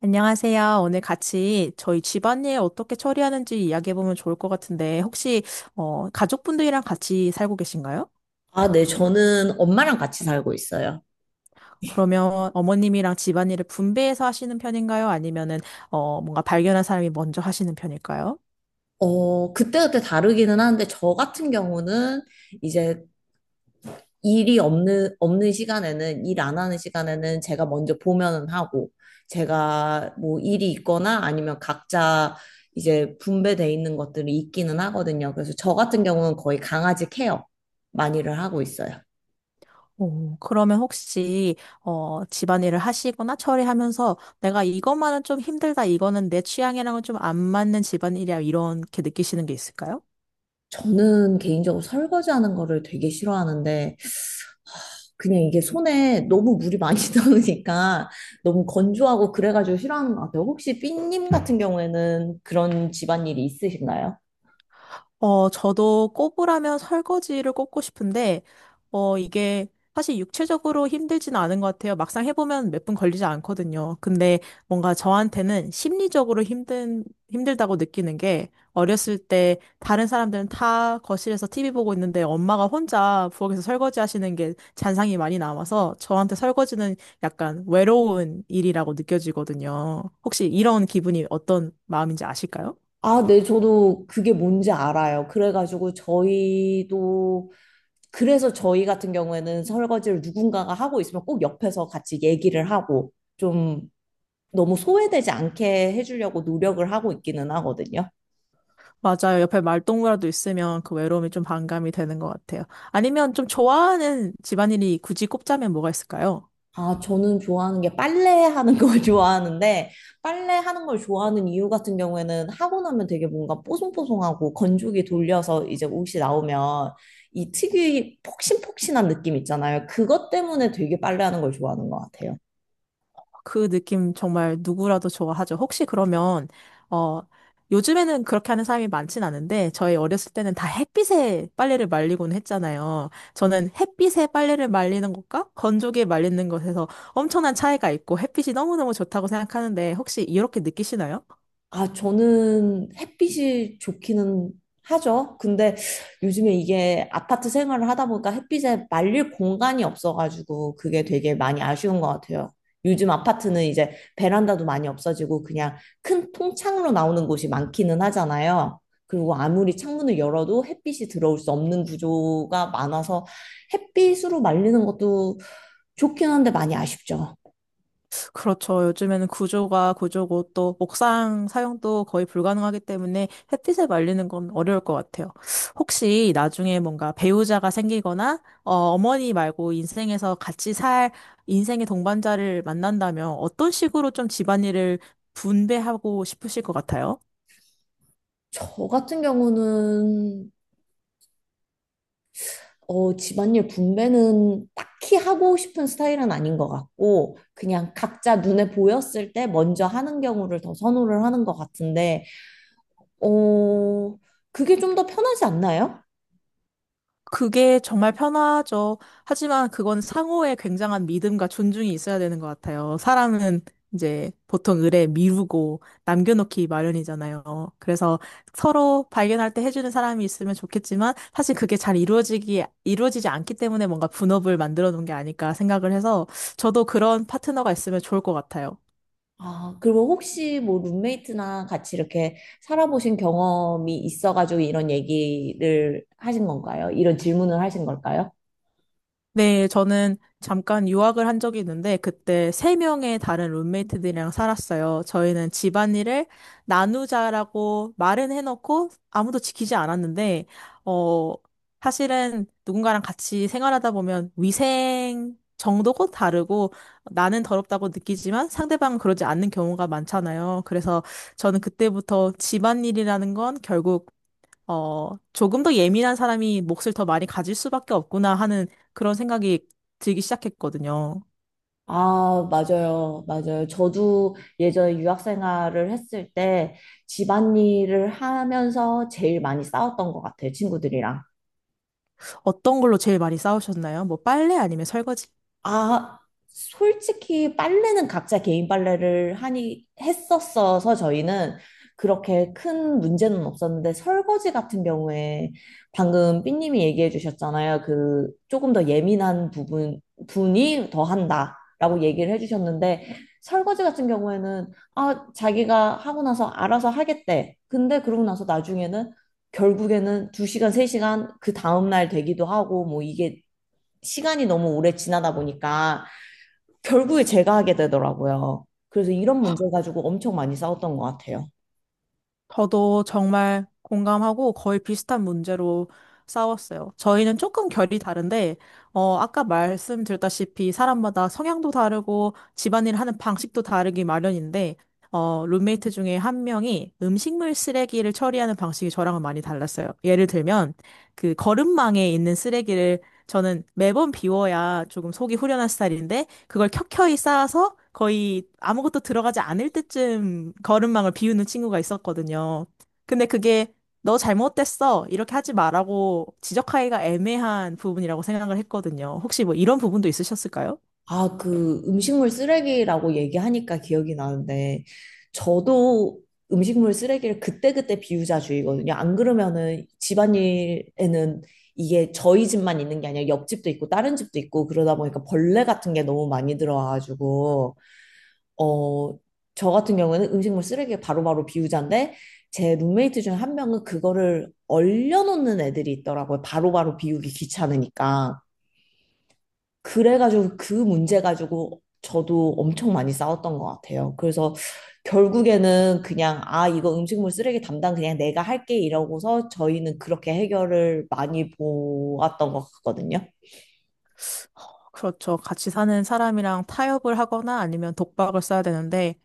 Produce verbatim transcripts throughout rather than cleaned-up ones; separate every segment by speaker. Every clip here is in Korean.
Speaker 1: 안녕하세요. 오늘 같이 저희 집안일 어떻게 처리하는지 이야기해보면 좋을 것 같은데, 혹시, 어, 가족분들이랑 같이 살고 계신가요?
Speaker 2: 아, 네, 저는 엄마랑 같이 살고 있어요.
Speaker 1: 그러면 어머님이랑 집안일을 분배해서 하시는 편인가요? 아니면은, 어, 뭔가 발견한 사람이 먼저 하시는 편일까요?
Speaker 2: 어, 그때그때 다르기는 하는데, 저 같은 경우는 이제 일이 없는, 없는 시간에는, 일 안 하는 시간에는 제가 먼저 보면은 하고, 제가 뭐 일이 있거나 아니면 각자 이제 분배돼 있는 것들이 있기는 하거든요. 그래서 저 같은 경우는 거의 강아지 케어 많이를 하고 있어요.
Speaker 1: 오, 그러면 혹시, 어, 집안일을 하시거나 처리하면서 내가 이것만은 좀 힘들다, 이거는 내 취향이랑은 좀 안 맞는 집안일이야, 이렇게 느끼시는 게 있을까요?
Speaker 2: 저는 개인적으로 설거지하는 거를 되게 싫어하는데, 그냥 이게 손에 너무 물이 많이 나오니까 너무 건조하고 그래가지고 싫어하는 것 같아요. 혹시 삐님 같은 경우에는 그런 집안일이 있으신가요?
Speaker 1: 어, 저도 꼽으라면 설거지를 꼽고 싶은데, 어, 이게 사실 육체적으로 힘들지는 않은 것 같아요. 막상 해보면 몇 분 걸리지 않거든요. 근데 뭔가 저한테는 심리적으로 힘든, 힘들다고 느끼는 게, 어렸을 때 다른 사람들은 다 거실에서 티비 보고 있는데 엄마가 혼자 부엌에서 설거지 하시는 게 잔상이 많이 남아서 저한테 설거지는 약간 외로운 일이라고 느껴지거든요. 혹시 이런 기분이 어떤 마음인지 아실까요?
Speaker 2: 아, 네, 저도 그게 뭔지 알아요. 그래가지고 저희도, 그래서 저희 같은 경우에는 설거지를 누군가가 하고 있으면 꼭 옆에서 같이 얘기를 하고 좀 너무 소외되지 않게 해주려고 노력을 하고 있기는 하거든요.
Speaker 1: 맞아요. 옆에 말동무라도 있으면 그 외로움이 좀 반감이 되는 것 같아요. 아니면 좀 좋아하는 집안일이 굳이 꼽자면 뭐가 있을까요?
Speaker 2: 아, 저는 좋아하는 게 빨래하는 걸 좋아하는데, 빨래하는 걸 좋아하는 이유 같은 경우에는 하고 나면 되게 뭔가 뽀송뽀송하고 건조기 돌려서 이제 옷이 나오면 이 특유의 폭신폭신한 느낌 있잖아요. 그것 때문에 되게 빨래하는 걸 좋아하는 것 같아요.
Speaker 1: 그 느낌 정말 누구라도 좋아하죠. 혹시 그러면, 어, 요즘에는 그렇게 하는 사람이 많진 않은데, 저희 어렸을 때는 다 햇빛에 빨래를 말리곤 했잖아요. 저는 햇빛에 빨래를 말리는 것과 건조기에 말리는 것에서 엄청난 차이가 있고, 햇빛이 너무너무 좋다고 생각하는데, 혹시 이렇게 느끼시나요?
Speaker 2: 아, 저는 햇빛이 좋기는 하죠. 근데 요즘에 이게 아파트 생활을 하다 보니까 햇빛에 말릴 공간이 없어가지고 그게 되게 많이 아쉬운 것 같아요. 요즘 아파트는 이제 베란다도 많이 없어지고 그냥 큰 통창으로 나오는 곳이 많기는 하잖아요. 그리고 아무리 창문을 열어도 햇빛이 들어올 수 없는 구조가 많아서 햇빛으로 말리는 것도 좋긴 한데 많이 아쉽죠.
Speaker 1: 그렇죠. 요즘에는 구조가 구조고 또 옥상 사용도 거의 불가능하기 때문에 햇빛에 말리는 건 어려울 것 같아요. 혹시 나중에 뭔가 배우자가 생기거나 어, 어머니 말고 인생에서 같이 살 인생의 동반자를 만난다면 어떤 식으로 좀 집안일을 분배하고 싶으실 것 같아요?
Speaker 2: 저 같은 경우는 어, 집안일 분배는 딱히 하고 싶은 스타일은 아닌 것 같고, 그냥 각자 눈에 보였을 때 먼저 하는 경우를 더 선호를 하는 것 같은데, 어, 그게 좀 더 편하지 않나요?
Speaker 1: 그게 정말 편하죠. 하지만 그건 상호의 굉장한 믿음과 존중이 있어야 되는 것 같아요. 사람은 이제 보통 의뢰 미루고 남겨놓기 마련이잖아요. 그래서 서로 발견할 때 해주는 사람이 있으면 좋겠지만 사실 그게 잘 이루어지기, 이루어지지 않기 때문에 뭔가 분업을 만들어 놓은 게 아닐까 생각을 해서 저도 그런 파트너가 있으면 좋을 것 같아요.
Speaker 2: 아, 그리고 혹시 뭐 룸메이트나 같이 이렇게 살아보신 경험이 있어가지고 이런 얘기를 하신 건가요? 이런 질문을 하신 걸까요?
Speaker 1: 네, 저는 잠깐 유학을 한 적이 있는데, 그때 세 명의 다른 룸메이트들이랑 살았어요. 저희는 집안일을 나누자라고 말은 해놓고 아무도 지키지 않았는데, 어, 사실은 누군가랑 같이 생활하다 보면 위생 정도고 다르고, 나는 더럽다고 느끼지만 상대방은 그러지 않는 경우가 많잖아요. 그래서 저는 그때부터 집안일이라는 건 결국 어, 조금 더 예민한 사람이 몫을 더 많이 가질 수밖에 없구나 하는 그런 생각이 들기 시작했거든요.
Speaker 2: 아, 맞아요. 맞아요. 저도 예전에 유학 생활을 했을 때 집안일을 하면서 제일 많이 싸웠던 것 같아요, 친구들이랑.
Speaker 1: 어떤 걸로 제일 많이 싸우셨나요? 뭐 빨래 아니면 설거지?
Speaker 2: 아, 솔직히 빨래는 각자 개인 빨래를 하니 했었어서 저희는 그렇게 큰 문제는 없었는데 설거지 같은 경우에 방금 삐님이 얘기해 주셨잖아요. 그 조금 더 예민한 부분 분이 더 한다라고 얘기를 해 주셨는데 설거지 같은 경우에는 아, 자기가 하고 나서 알아서 하겠대. 근데 그러고 나서 나중에는 결국에는 두 시간, 세 시간 그 다음날 되기도 하고 뭐 이게 시간이 너무 오래 지나다 보니까 결국에 제가 하게 되더라고요. 그래서 이런 문제 가지고 엄청 많이 싸웠던 것 같아요.
Speaker 1: 저도 정말 공감하고 거의 비슷한 문제로 싸웠어요. 저희는 조금 결이 다른데, 어, 아까 말씀드렸다시피 사람마다 성향도 다르고 집안일 하는 방식도 다르기 마련인데, 어, 룸메이트 중에 한 명이 음식물 쓰레기를 처리하는 방식이 저랑은 많이 달랐어요. 예를 들면, 그 거름망에 있는 쓰레기를 저는 매번 비워야 조금 속이 후련한 스타일인데, 그걸 켜켜이 쌓아서 거의 아무것도 들어가지 않을 때쯤 걸음망을 비우는 친구가 있었거든요. 근데 그게 너 잘못됐어. 이렇게 하지 마라고 지적하기가 애매한 부분이라고 생각을 했거든요. 혹시 뭐 이런 부분도 있으셨을까요?
Speaker 2: 아, 그 음식물 쓰레기라고 얘기하니까 기억이 나는데 저도 음식물 쓰레기를 그때그때 비우자주의거든요. 안 그러면은 집안일에는 이게 저희 집만 있는 게 아니라 옆집도 있고 다른 집도 있고 그러다 보니까 벌레 같은 게 너무 많이 들어와가지고 어, 저 같은 경우에는 음식물 쓰레기 바로바로 비우자인데 제 룸메이트 중 한 명은 그거를 얼려놓는 애들이 있더라고요. 바로바로 비우기 귀찮으니까. 그래가지고 그 문제 가지고 저도 엄청 많이 싸웠던 것 같아요. 그래서 결국에는 그냥 아, 이거 음식물 쓰레기 담당 그냥 내가 할게 이러고서 저희는 그렇게 해결을 많이 보았던 것 같거든요.
Speaker 1: 그렇죠. 같이 사는 사람이랑 타협을 하거나 아니면 독박을 써야 되는데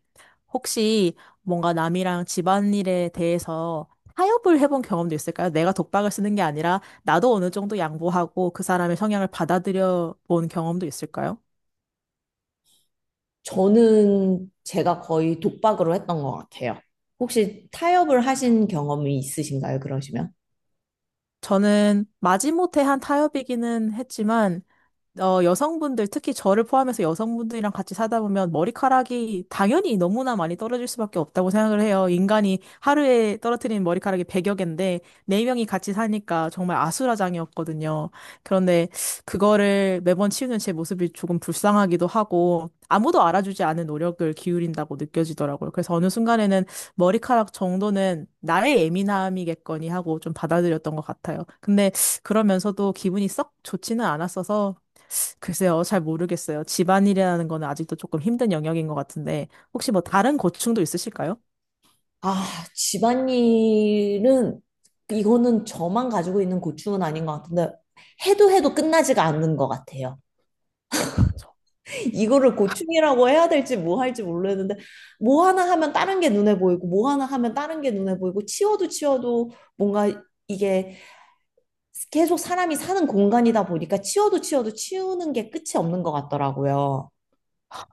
Speaker 1: 혹시 뭔가 남이랑 집안일에 대해서 타협을 해본 경험도 있을까요? 내가 독박을 쓰는 게 아니라 나도 어느 정도 양보하고 그 사람의 성향을 받아들여 본 경험도 있을까요?
Speaker 2: 저는 제가 거의 독박으로 했던 것 같아요. 혹시 타협을 하신 경험이 있으신가요, 그러시면?
Speaker 1: 저는 마지못해 한 타협이기는 했지만 어, 여성분들, 특히 저를 포함해서 여성분들이랑 같이 사다 보면 머리카락이 당연히 너무나 많이 떨어질 수밖에 없다고 생각을 해요. 인간이 하루에 떨어뜨리는 머리카락이 백여 개인데, 네명이 같이 사니까 정말 아수라장이었거든요. 그런데 그거를 매번 치우는 제 모습이 조금 불쌍하기도 하고, 아무도 알아주지 않은 노력을 기울인다고 느껴지더라고요. 그래서 어느 순간에는 머리카락 정도는 나의 예민함이겠거니 하고 좀 받아들였던 것 같아요. 근데 그러면서도 기분이 썩 좋지는 않았어서 글쎄요, 잘 모르겠어요. 집안일이라는 거는 아직도 조금 힘든 영역인 것 같은데, 혹시 뭐 다른 고충도 있으실까요?
Speaker 2: 아, 집안일은, 이거는 저만 가지고 있는 고충은 아닌 것 같은데, 해도 해도 끝나지가 않는 것 같아요. 이거를 고충이라고 해야 될지 뭐 할지 모르겠는데, 뭐 하나 하면 다른 게 눈에 보이고, 뭐 하나 하면 다른 게 눈에 보이고, 치워도 치워도 뭔가 이게 계속 사람이 사는 공간이다 보니까 치워도 치워도 치우는 게 끝이 없는 것 같더라고요.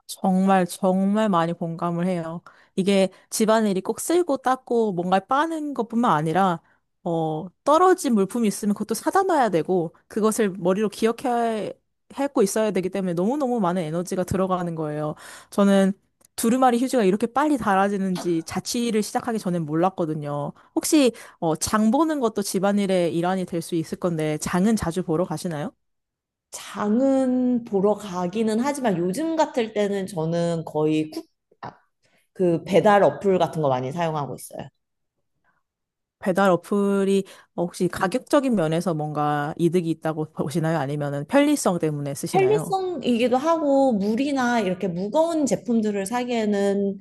Speaker 1: 정말, 정말 많이 공감을 해요. 이게 집안일이 꼭 쓸고 닦고 뭔가 빠는 것뿐만 아니라, 어, 떨어진 물품이 있으면 그것도 사다 놔야 되고, 그것을 머리로 기억해, 하고 있어야 되기 때문에 너무너무 많은 에너지가 들어가는 거예요. 저는 두루마리 휴지가 이렇게 빨리 닳아지는지 자취를 시작하기 전엔 몰랐거든요. 혹시, 어, 장 보는 것도 집안일의 일환이 될 수 있을 건데, 장은 자주 보러 가시나요?
Speaker 2: 장은 보러 가기는 하지만 요즘 같을 때는 저는 거의 쿠, 아, 그 배달 어플 같은 거 많이 사용하고 있어요.
Speaker 1: 배달 어플이 어, 혹시 가격적인 면에서 뭔가 이득이 있다고 보시나요? 아니면은 편리성 때문에 쓰시나요?
Speaker 2: 편리성이기도 하고 물이나 이렇게 무거운 제품들을 사기에는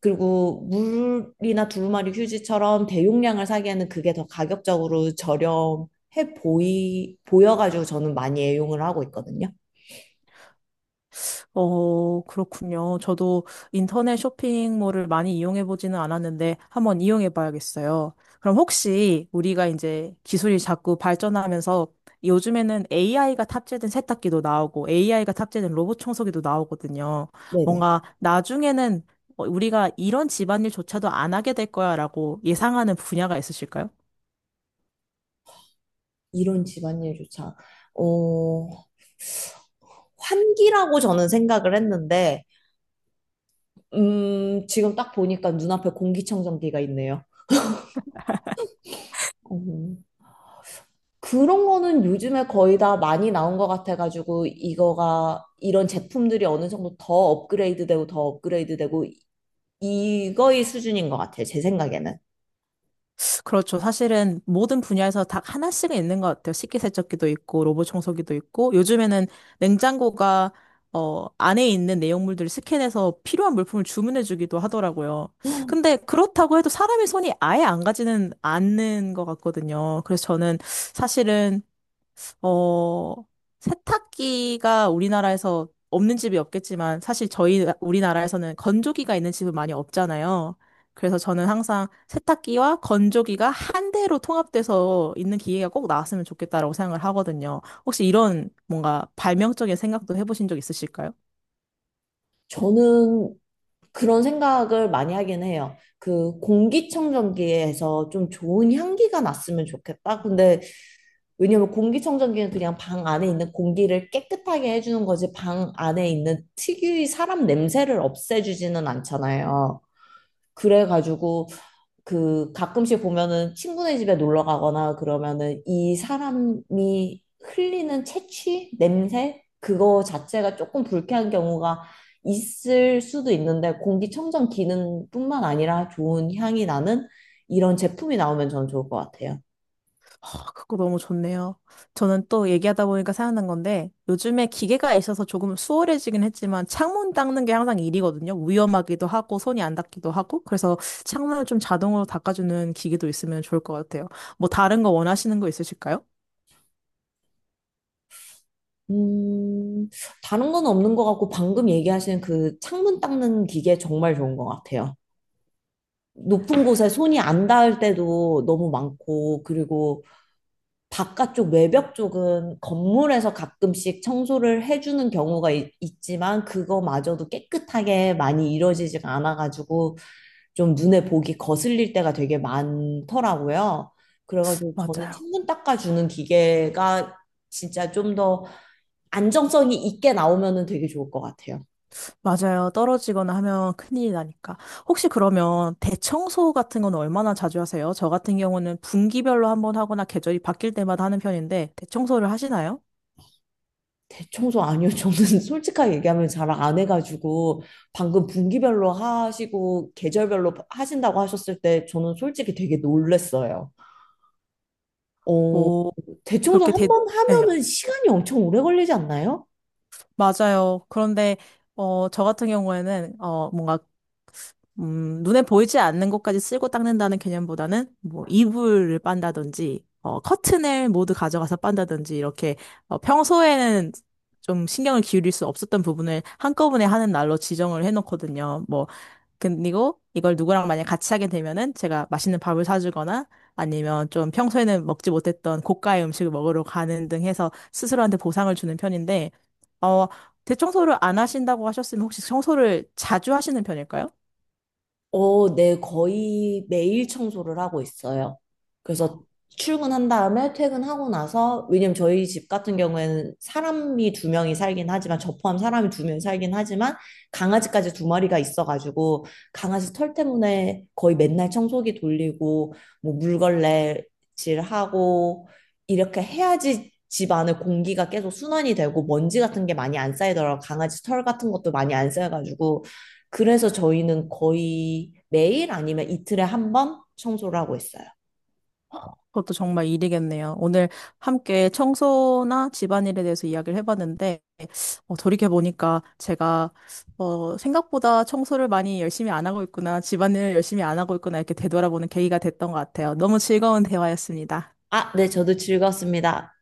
Speaker 2: 그리고 물이나 두루마리 휴지처럼 대용량을 사기에는 그게 더 가격적으로 저렴해 보이 보여가지고 저는 많이 애용을 하고 있거든요.
Speaker 1: 어, 그렇군요. 저도 인터넷 쇼핑몰을 많이 이용해 보지는 않았는데 한번 이용해 봐야겠어요. 그럼 혹시 우리가 이제 기술이 자꾸 발전하면서 요즘에는 에이아이가 탑재된 세탁기도 나오고 에이아이가 탑재된 로봇 청소기도 나오거든요.
Speaker 2: 네네.
Speaker 1: 뭔가 나중에는 어, 우리가 이런 집안일조차도 안 하게 될 거야라고 예상하는 분야가 있으실까요?
Speaker 2: 이런 집안일조차 어 환기라고 저는 생각을 했는데 음, 지금 딱 보니까 눈앞에 공기청정기가 있네요. 음, 그런 거는 요즘에 거의 다 많이 나온 것 같아가지고, 이거가, 이런 제품들이 어느 정도 더 업그레이드 되고, 더 업그레이드 되고, 이거의 수준인 것 같아요. 제 생각에는.
Speaker 1: 그렇죠. 사실은 모든 분야에서 다 하나씩은 있는 것 같아요. 식기세척기도 있고, 로봇 청소기도 있고, 요즘에는 냉장고가, 어, 안에 있는 내용물들을 스캔해서 필요한 물품을 주문해주기도 하더라고요. 근데 그렇다고 해도 사람의 손이 아예 안 가지는 않는 것 같거든요. 그래서 저는 사실은 어, 세탁기가 우리나라에서 없는 집이 없겠지만 사실 저희 우리나라에서는 건조기가 있는 집은 많이 없잖아요. 그래서 저는 항상 세탁기와 건조기가 한 대로 통합돼서 있는 기계가 꼭 나왔으면 좋겠다라고 생각을 하거든요. 혹시 이런 뭔가 발명적인 생각도 해보신 적 있으실까요?
Speaker 2: 저는 그런 생각을 많이 하긴 해요. 그 공기청정기에서 좀 좋은 향기가 났으면 좋겠다. 근데 왜냐면 공기청정기는 그냥 방 안에 있는 공기를 깨끗하게 해주는 거지 방 안에 있는 특유의 사람 냄새를 없애주지는 않잖아요. 그래가지고 그 가끔씩 보면은 친구네 집에 놀러 가거나 그러면은 이 사람이 흘리는 채취 냄새 그거 자체가 조금 불쾌한 경우가 있을 수도 있는데 공기청정 기능뿐만 아니라 좋은 향이 나는 이런 제품이 나오면 저는 좋을 것 같아요.
Speaker 1: 아, 그거 너무 좋네요. 저는 또 얘기하다 보니까 생각난 건데, 요즘에 기계가 있어서 조금 수월해지긴 했지만, 창문 닦는 게 항상 일이거든요. 위험하기도 하고, 손이 안 닦기도 하고, 그래서 창문을 좀 자동으로 닦아주는 기계도 있으면 좋을 것 같아요. 뭐 다른 거 원하시는 거 있으실까요?
Speaker 2: 음, 다른 건 없는 것 같고 방금 얘기하신 그 창문 닦는 기계 정말 좋은 것 같아요. 높은 곳에 손이 안 닿을 때도 너무 많고 그리고 바깥쪽 외벽 쪽은 건물에서 가끔씩 청소를 해주는 경우가 있, 지만 그거마저도 깨끗하게 많이 이루어지지가 않아가지고 좀 눈에 보기 거슬릴 때가 되게 많더라고요. 그래가지고 저는
Speaker 1: 맞아요.
Speaker 2: 창문 닦아주는 기계가 진짜 좀 더 안정성이 있게 나오면은 되게 좋을 것 같아요.
Speaker 1: 맞아요. 떨어지거나 하면 큰일이 나니까. 혹시 그러면 대청소 같은 건 얼마나 자주 하세요? 저 같은 경우는 분기별로 한 번 하거나 계절이 바뀔 때마다 하는 편인데, 대청소를 하시나요?
Speaker 2: 대청소 아니요. 저는 솔직하게 얘기하면 잘 안 해가지고 방금 분기별로 하시고 계절별로 하신다고 하셨을 때 저는 솔직히 되게 놀랬어요. 어,
Speaker 1: 뭐,
Speaker 2: 대청소
Speaker 1: 그렇게
Speaker 2: 한
Speaker 1: 대,
Speaker 2: 번
Speaker 1: 네.
Speaker 2: 하면은 시간이 엄청 오래 걸리지 않나요?
Speaker 1: 맞아요. 그런데, 어, 저 같은 경우에는, 어, 뭔가, 음, 눈에 보이지 않는 것까지 쓸고 닦는다는 개념보다는, 뭐, 이불을 빤다든지, 어, 커튼을 모두 가져가서 빤다든지, 이렇게, 어, 평소에는 좀 신경을 기울일 수 없었던 부분을 한꺼번에 하는 날로 지정을 해놓거든요. 뭐, 그리고 이걸 누구랑 만약 같이 하게 되면은 제가 맛있는 밥을 사주거나 아니면 좀 평소에는 먹지 못했던 고가의 음식을 먹으러 가는 등 해서 스스로한테 보상을 주는 편인데, 어, 대청소를 안 하신다고 하셨으면 혹시 청소를 자주 하시는 편일까요?
Speaker 2: 어, 네, 거의 매일 청소를 하고 있어요. 그래서 출근한 다음에 퇴근하고 나서, 왜냐면 저희 집 같은 경우에는 사람이 두 명이 살긴 하지만, 저 포함 사람이 두 명이 살긴 하지만, 강아지까지 두 마리가 있어가지고, 강아지 털 때문에 거의 맨날 청소기 돌리고, 뭐 물걸레질 하고, 이렇게 해야지 집 안에 공기가 계속 순환이 되고, 먼지 같은 게 많이 안 쌓이더라고요. 강아지 털 같은 것도 많이 안 쌓여가지고, 그래서 저희는 거의 매일 아니면 이틀에 한 번 청소를 하고 있어요.
Speaker 1: 그것도 정말 일이겠네요. 오늘 함께 청소나 집안일에 대해서 이야기를 해봤는데, 어, 돌이켜 보니까 제가 어, 생각보다 청소를 많이 열심히 안 하고 있구나, 집안일을 열심히 안 하고 있구나 이렇게 되돌아보는 계기가 됐던 것 같아요. 너무 즐거운 대화였습니다.
Speaker 2: 아, 네, 저도 즐거웠습니다.